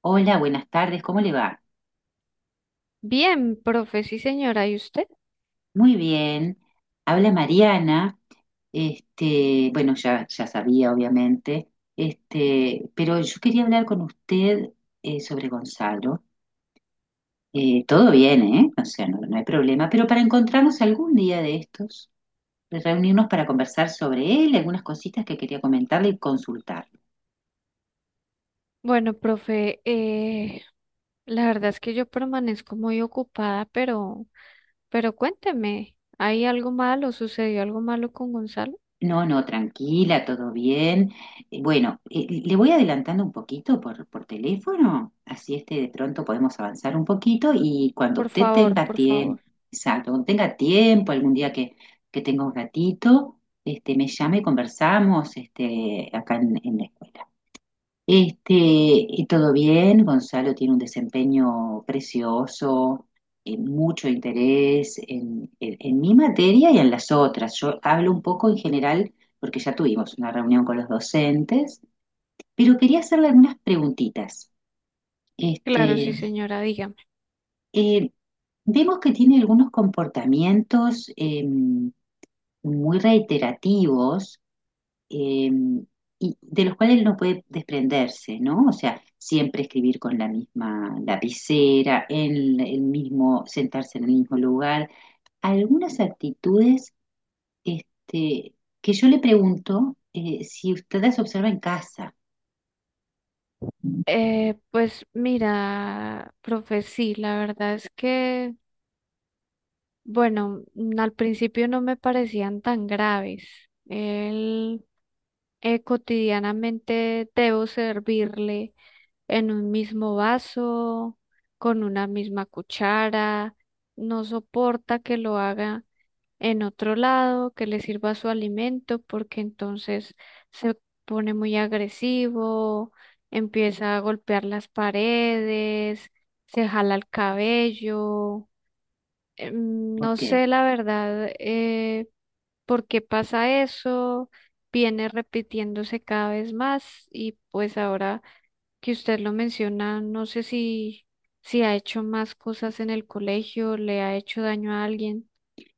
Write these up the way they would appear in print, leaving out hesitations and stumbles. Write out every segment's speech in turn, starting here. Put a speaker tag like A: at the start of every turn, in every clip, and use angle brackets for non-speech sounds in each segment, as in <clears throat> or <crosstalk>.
A: Hola, buenas tardes, ¿cómo le va?
B: Bien, profe, sí señora, ¿y usted?
A: Muy bien, habla Mariana. Ya sabía, obviamente. Pero yo quería hablar con usted sobre Gonzalo. Todo bien, ¿eh? O sea, no hay problema. Pero para encontrarnos algún día de estos, de reunirnos para conversar sobre él, algunas cositas que quería comentarle y consultar.
B: Bueno, profe, la verdad es que yo permanezco muy ocupada, pero cuénteme, ¿hay algo malo? ¿Sucedió algo malo con Gonzalo?
A: No, no, tranquila, todo bien. Bueno, Le voy adelantando un poquito por teléfono, así este de pronto podemos avanzar un poquito y cuando
B: Por
A: usted
B: favor,
A: tenga
B: por favor.
A: tiempo, exacto, cuando tenga tiempo, que tenga un ratito, este, me llame y conversamos, este, en la escuela. Y todo bien, Gonzalo tiene un desempeño precioso, mucho interés en mi materia y en las otras. Yo hablo un poco en general porque ya tuvimos una reunión con los docentes, pero quería hacerle algunas preguntitas.
B: Claro,
A: Este,
B: sí
A: ujú.
B: señora, dígame.
A: eh, Vemos que tiene algunos comportamientos muy reiterativos, eh, y de los cuales él no puede desprenderse, ¿no? O sea, siempre escribir con la misma lapicera, el mismo, sentarse en el mismo lugar. Algunas actitudes, este, que yo le pregunto, si usted las observa en casa.
B: Pues mira, profe, sí, la verdad es que, bueno, al principio no me parecían tan graves. Él cotidianamente debo servirle en un mismo vaso, con una misma cuchara, no soporta que lo haga en otro lado, que le sirva su alimento, porque entonces se pone muy agresivo, empieza a golpear las paredes, se jala el cabello. No
A: Ok,
B: sé la verdad por qué pasa eso, viene repitiéndose cada vez más y pues ahora que usted lo menciona, no sé si ha hecho más cosas en el colegio, le ha hecho daño a alguien.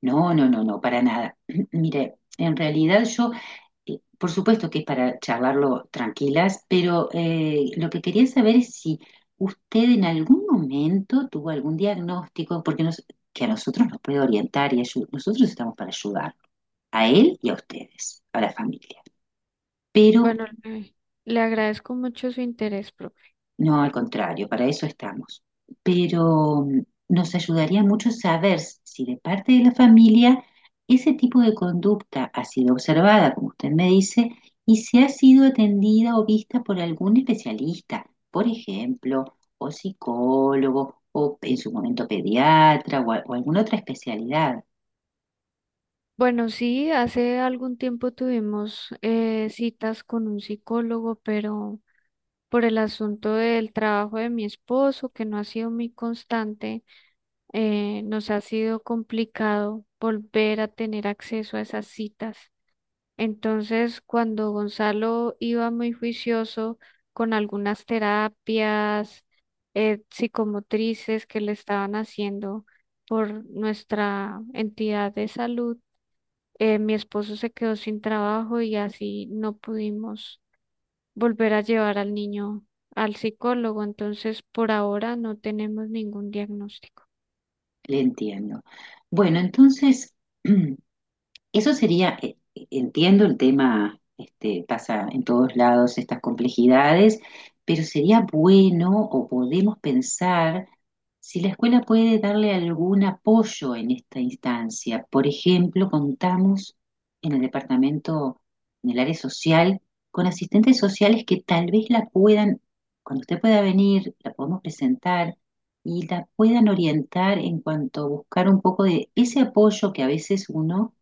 A: no, no, no, no, para nada. <clears throat> Mire, en realidad yo... Por supuesto que es para charlarlo tranquilas, pero lo que quería saber es si usted en algún momento tuvo algún diagnóstico, que a nosotros nos puede orientar y nosotros estamos para ayudar a él y a ustedes, a la familia. Pero...
B: Bueno, le agradezco mucho su interés, profe.
A: No, al contrario, para eso estamos. Pero nos ayudaría mucho saber si de parte de la familia ese tipo de conducta ha sido observada, como usted me dice, y si ha sido atendida o vista por algún especialista, por ejemplo, o psicólogo, o en su momento pediatra, o alguna otra especialidad.
B: Bueno, sí, hace algún tiempo tuvimos citas con un psicólogo, pero por el asunto del trabajo de mi esposo, que no ha sido muy constante, nos ha sido complicado volver a tener acceso a esas citas. Entonces, cuando Gonzalo iba muy juicioso con algunas terapias psicomotrices que le estaban haciendo por nuestra entidad de salud, mi esposo se quedó sin trabajo y así no pudimos volver a llevar al niño al psicólogo. Entonces, por ahora no tenemos ningún diagnóstico.
A: Le entiendo. Bueno, entonces, <clears throat> eso sería, entiendo el tema, este, pasa en todos lados estas complejidades, pero sería bueno o podemos pensar si la escuela puede darle algún apoyo en esta instancia. Por ejemplo, contamos en el departamento, en el área social, con asistentes sociales que tal vez la puedan, cuando usted pueda venir, la podemos presentar y la puedan orientar en cuanto a buscar un poco de ese apoyo que a veces uno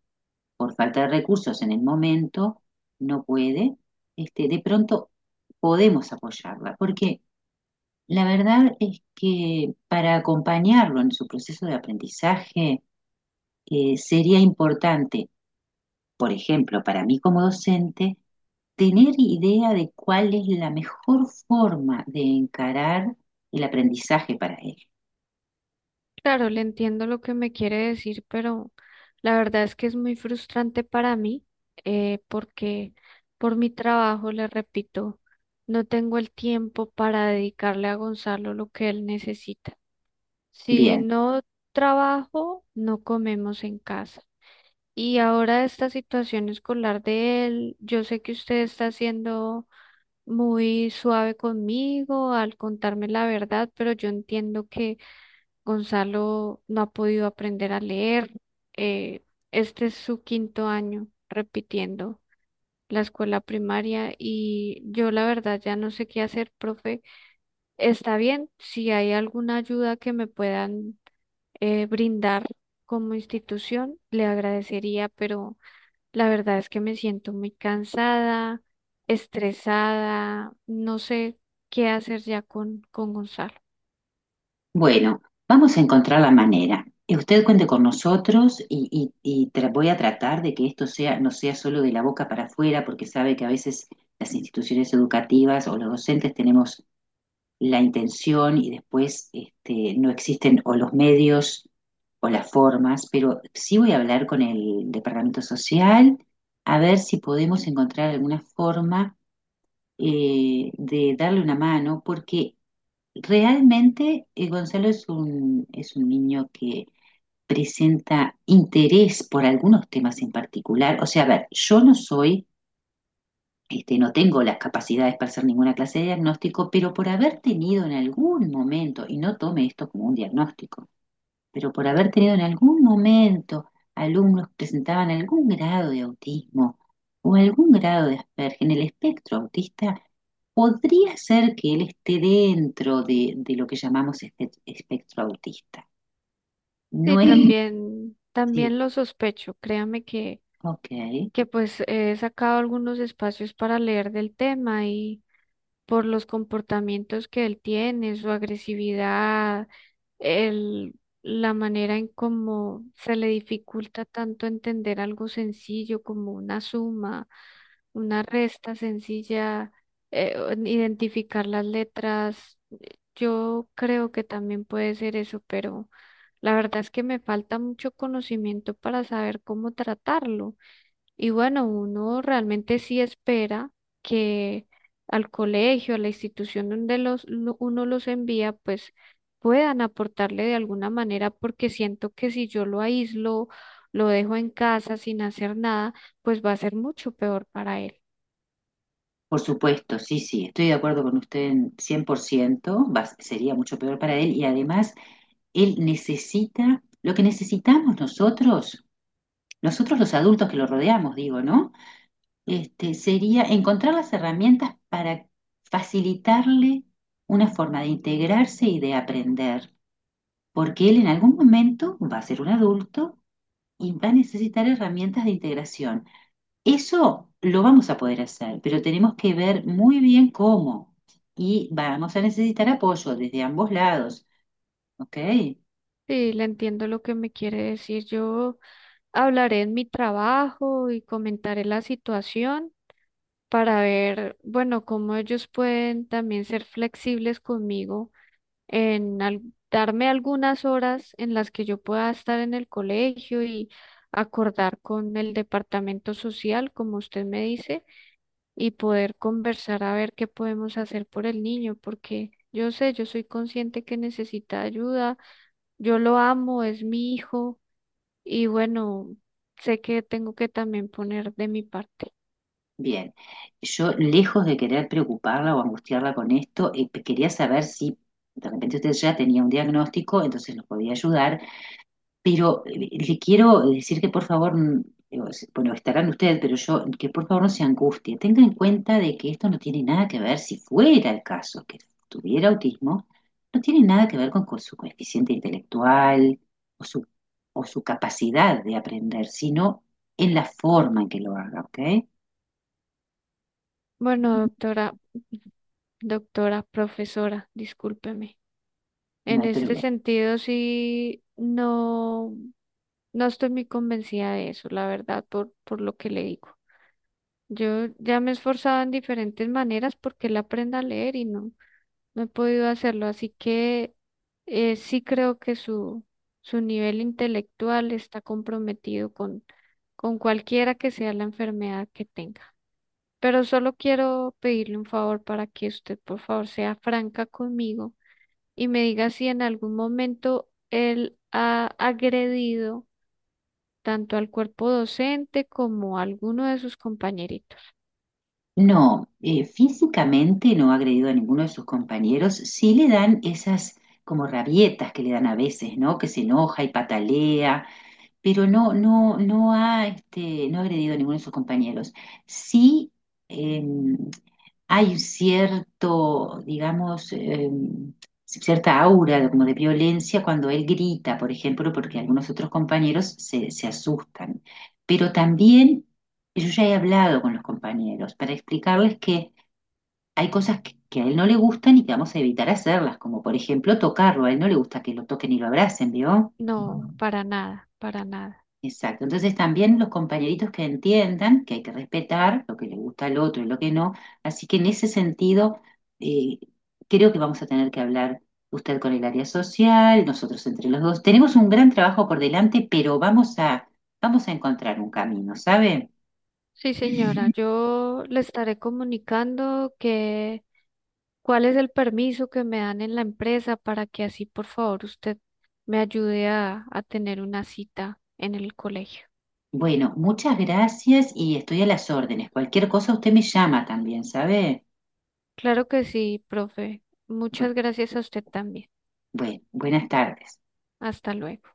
A: por falta de recursos en el momento, no puede, este, de pronto podemos apoyarla, porque la verdad es que para acompañarlo en su proceso de aprendizaje, sería importante, por ejemplo, para mí como docente, tener idea de cuál es la mejor forma de encarar el aprendizaje para él.
B: Claro, le entiendo lo que me quiere decir, pero la verdad es que es muy frustrante para mí, porque por mi trabajo, le repito, no tengo el tiempo para dedicarle a Gonzalo lo que él necesita. Si
A: Bien.
B: no trabajo, no comemos en casa. Y ahora esta situación escolar de él, yo sé que usted está siendo muy suave conmigo al contarme la verdad, pero yo entiendo que Gonzalo no ha podido aprender a leer. Eh, este es su quinto año repitiendo la escuela primaria y yo la verdad ya no sé qué hacer, profe. Está bien, si hay alguna ayuda que me puedan brindar como institución, le agradecería, pero la verdad es que me siento muy cansada, estresada, no sé qué hacer ya con Gonzalo.
A: Bueno, vamos a encontrar la manera. Usted cuente con nosotros y, voy a tratar de que esto sea, no sea solo de la boca para afuera, porque sabe que a veces las instituciones educativas o los docentes tenemos la intención y después este, no existen o los medios o las formas, pero sí voy a hablar con el Departamento Social a ver si podemos encontrar alguna forma, de darle una mano, porque realmente, Gonzalo es un niño que presenta interés por algunos temas en particular. O sea, a ver, yo no soy, este, no tengo las capacidades para hacer ninguna clase de diagnóstico, pero por haber tenido en algún momento, y no tome esto como un diagnóstico, pero por haber tenido en algún momento alumnos que presentaban algún grado de autismo o algún grado de Asperger en el espectro autista, podría ser que él esté de lo que llamamos espectro autista.
B: Sí,
A: No es... <laughs>
B: también,
A: Sí. Sí,
B: también lo sospecho. Créame
A: ok.
B: que pues he sacado algunos espacios para leer del tema y por los comportamientos que él tiene, su agresividad, el, la manera en cómo se le dificulta tanto entender algo sencillo como una suma, una resta sencilla, identificar las letras, yo creo que también puede ser eso, pero la verdad es que me falta mucho conocimiento para saber cómo tratarlo. Y bueno, uno realmente sí espera que al colegio, a la institución donde uno los envía, pues puedan aportarle de alguna manera, porque siento que si yo lo aíslo, lo dejo en casa sin hacer nada, pues va a ser mucho peor para él.
A: Por supuesto, sí, sí, estoy de acuerdo con usted en 100%, sería mucho peor para él y además él necesita lo que necesitamos nosotros, nosotros los adultos que lo rodeamos, digo, ¿no? Este, sería encontrar las herramientas para facilitarle una forma de integrarse y de aprender, porque él en algún momento va a ser un adulto y va a necesitar herramientas de integración. Eso lo vamos a poder hacer, pero tenemos que ver muy bien cómo y vamos a necesitar apoyo desde ambos lados, ¿ok?
B: Sí, le entiendo lo que me quiere decir yo. Hablaré en mi trabajo y comentaré la situación para ver, bueno, cómo ellos pueden también ser flexibles conmigo en al- darme algunas horas en las que yo pueda estar en el colegio y acordar con el departamento social, como usted me dice, y poder conversar a ver qué podemos hacer por el niño, porque yo sé, yo soy consciente que necesita ayuda, yo lo amo, es mi hijo y bueno, sé que tengo que también poner de mi parte.
A: Bien, yo lejos de querer preocuparla o angustiarla con esto, quería saber si de repente usted ya tenía un diagnóstico, entonces nos podía ayudar, pero le quiero decir que por favor, digo, bueno, estarán usted, pero yo, que por favor no se angustie, tenga en cuenta de que esto no tiene nada que ver, si fuera el caso que tuviera autismo, no tiene nada que ver con su coeficiente intelectual o su, o su capacidad de aprender, sino en la forma en que lo haga, ¿ok?
B: Bueno, doctora, doctora, profesora, discúlpeme.
A: No
B: En
A: hay
B: este
A: problema.
B: sentido, sí, no, no estoy muy convencida de eso, la verdad, por lo que le digo. Yo ya me he esforzado en diferentes maneras porque él aprenda a leer y no, no he podido hacerlo. Así que sí creo que su nivel intelectual está comprometido con cualquiera que sea la enfermedad que tenga. Pero solo quiero pedirle un favor para que usted, por favor, sea franca conmigo y me diga si en algún momento él ha agredido tanto al cuerpo docente como a alguno de sus compañeritos.
A: No, físicamente no ha agredido a ninguno de sus compañeros. Sí le dan esas como rabietas que le dan a veces, ¿no? Que se enoja y patalea, pero no ha agredido a ninguno de sus compañeros. Sí, em, hay cierto, digamos, cierta aura de- como de violencia cuando él grita, por ejemplo, porque algunos otros compañeros se asustan. Pero también yo ya he hablado con los compañeros para explicarles que hay cosas que a él no le gustan y que vamos a evitar hacerlas, como por ejemplo tocarlo. A él no le gusta que lo toquen y lo abracen, ¿vio?
B: No, para nada, para nada.
A: Exacto. Entonces también los compañeritos que entiendan que hay que respetar lo que le gusta al otro y lo que no. Así que en ese sentido, eh, creo que vamos a tener que hablar usted con el área social, nosotros entre los dos. Tenemos un gran trabajo por delante, pero vamos a encontrar un camino, ¿sabe?
B: Sí, señora, yo le estaré comunicando que cuál es el permiso que me dan en la empresa para que así, por favor, usted me ayude a tener una cita en el colegio.
A: Bueno, muchas gracias y estoy a las órdenes. Cualquier cosa usted me llama también, ¿sabe?
B: Claro que sí, profe. Muchas
A: Bueno,
B: gracias a usted también.
A: bueno, buenas tardes.
B: Hasta luego.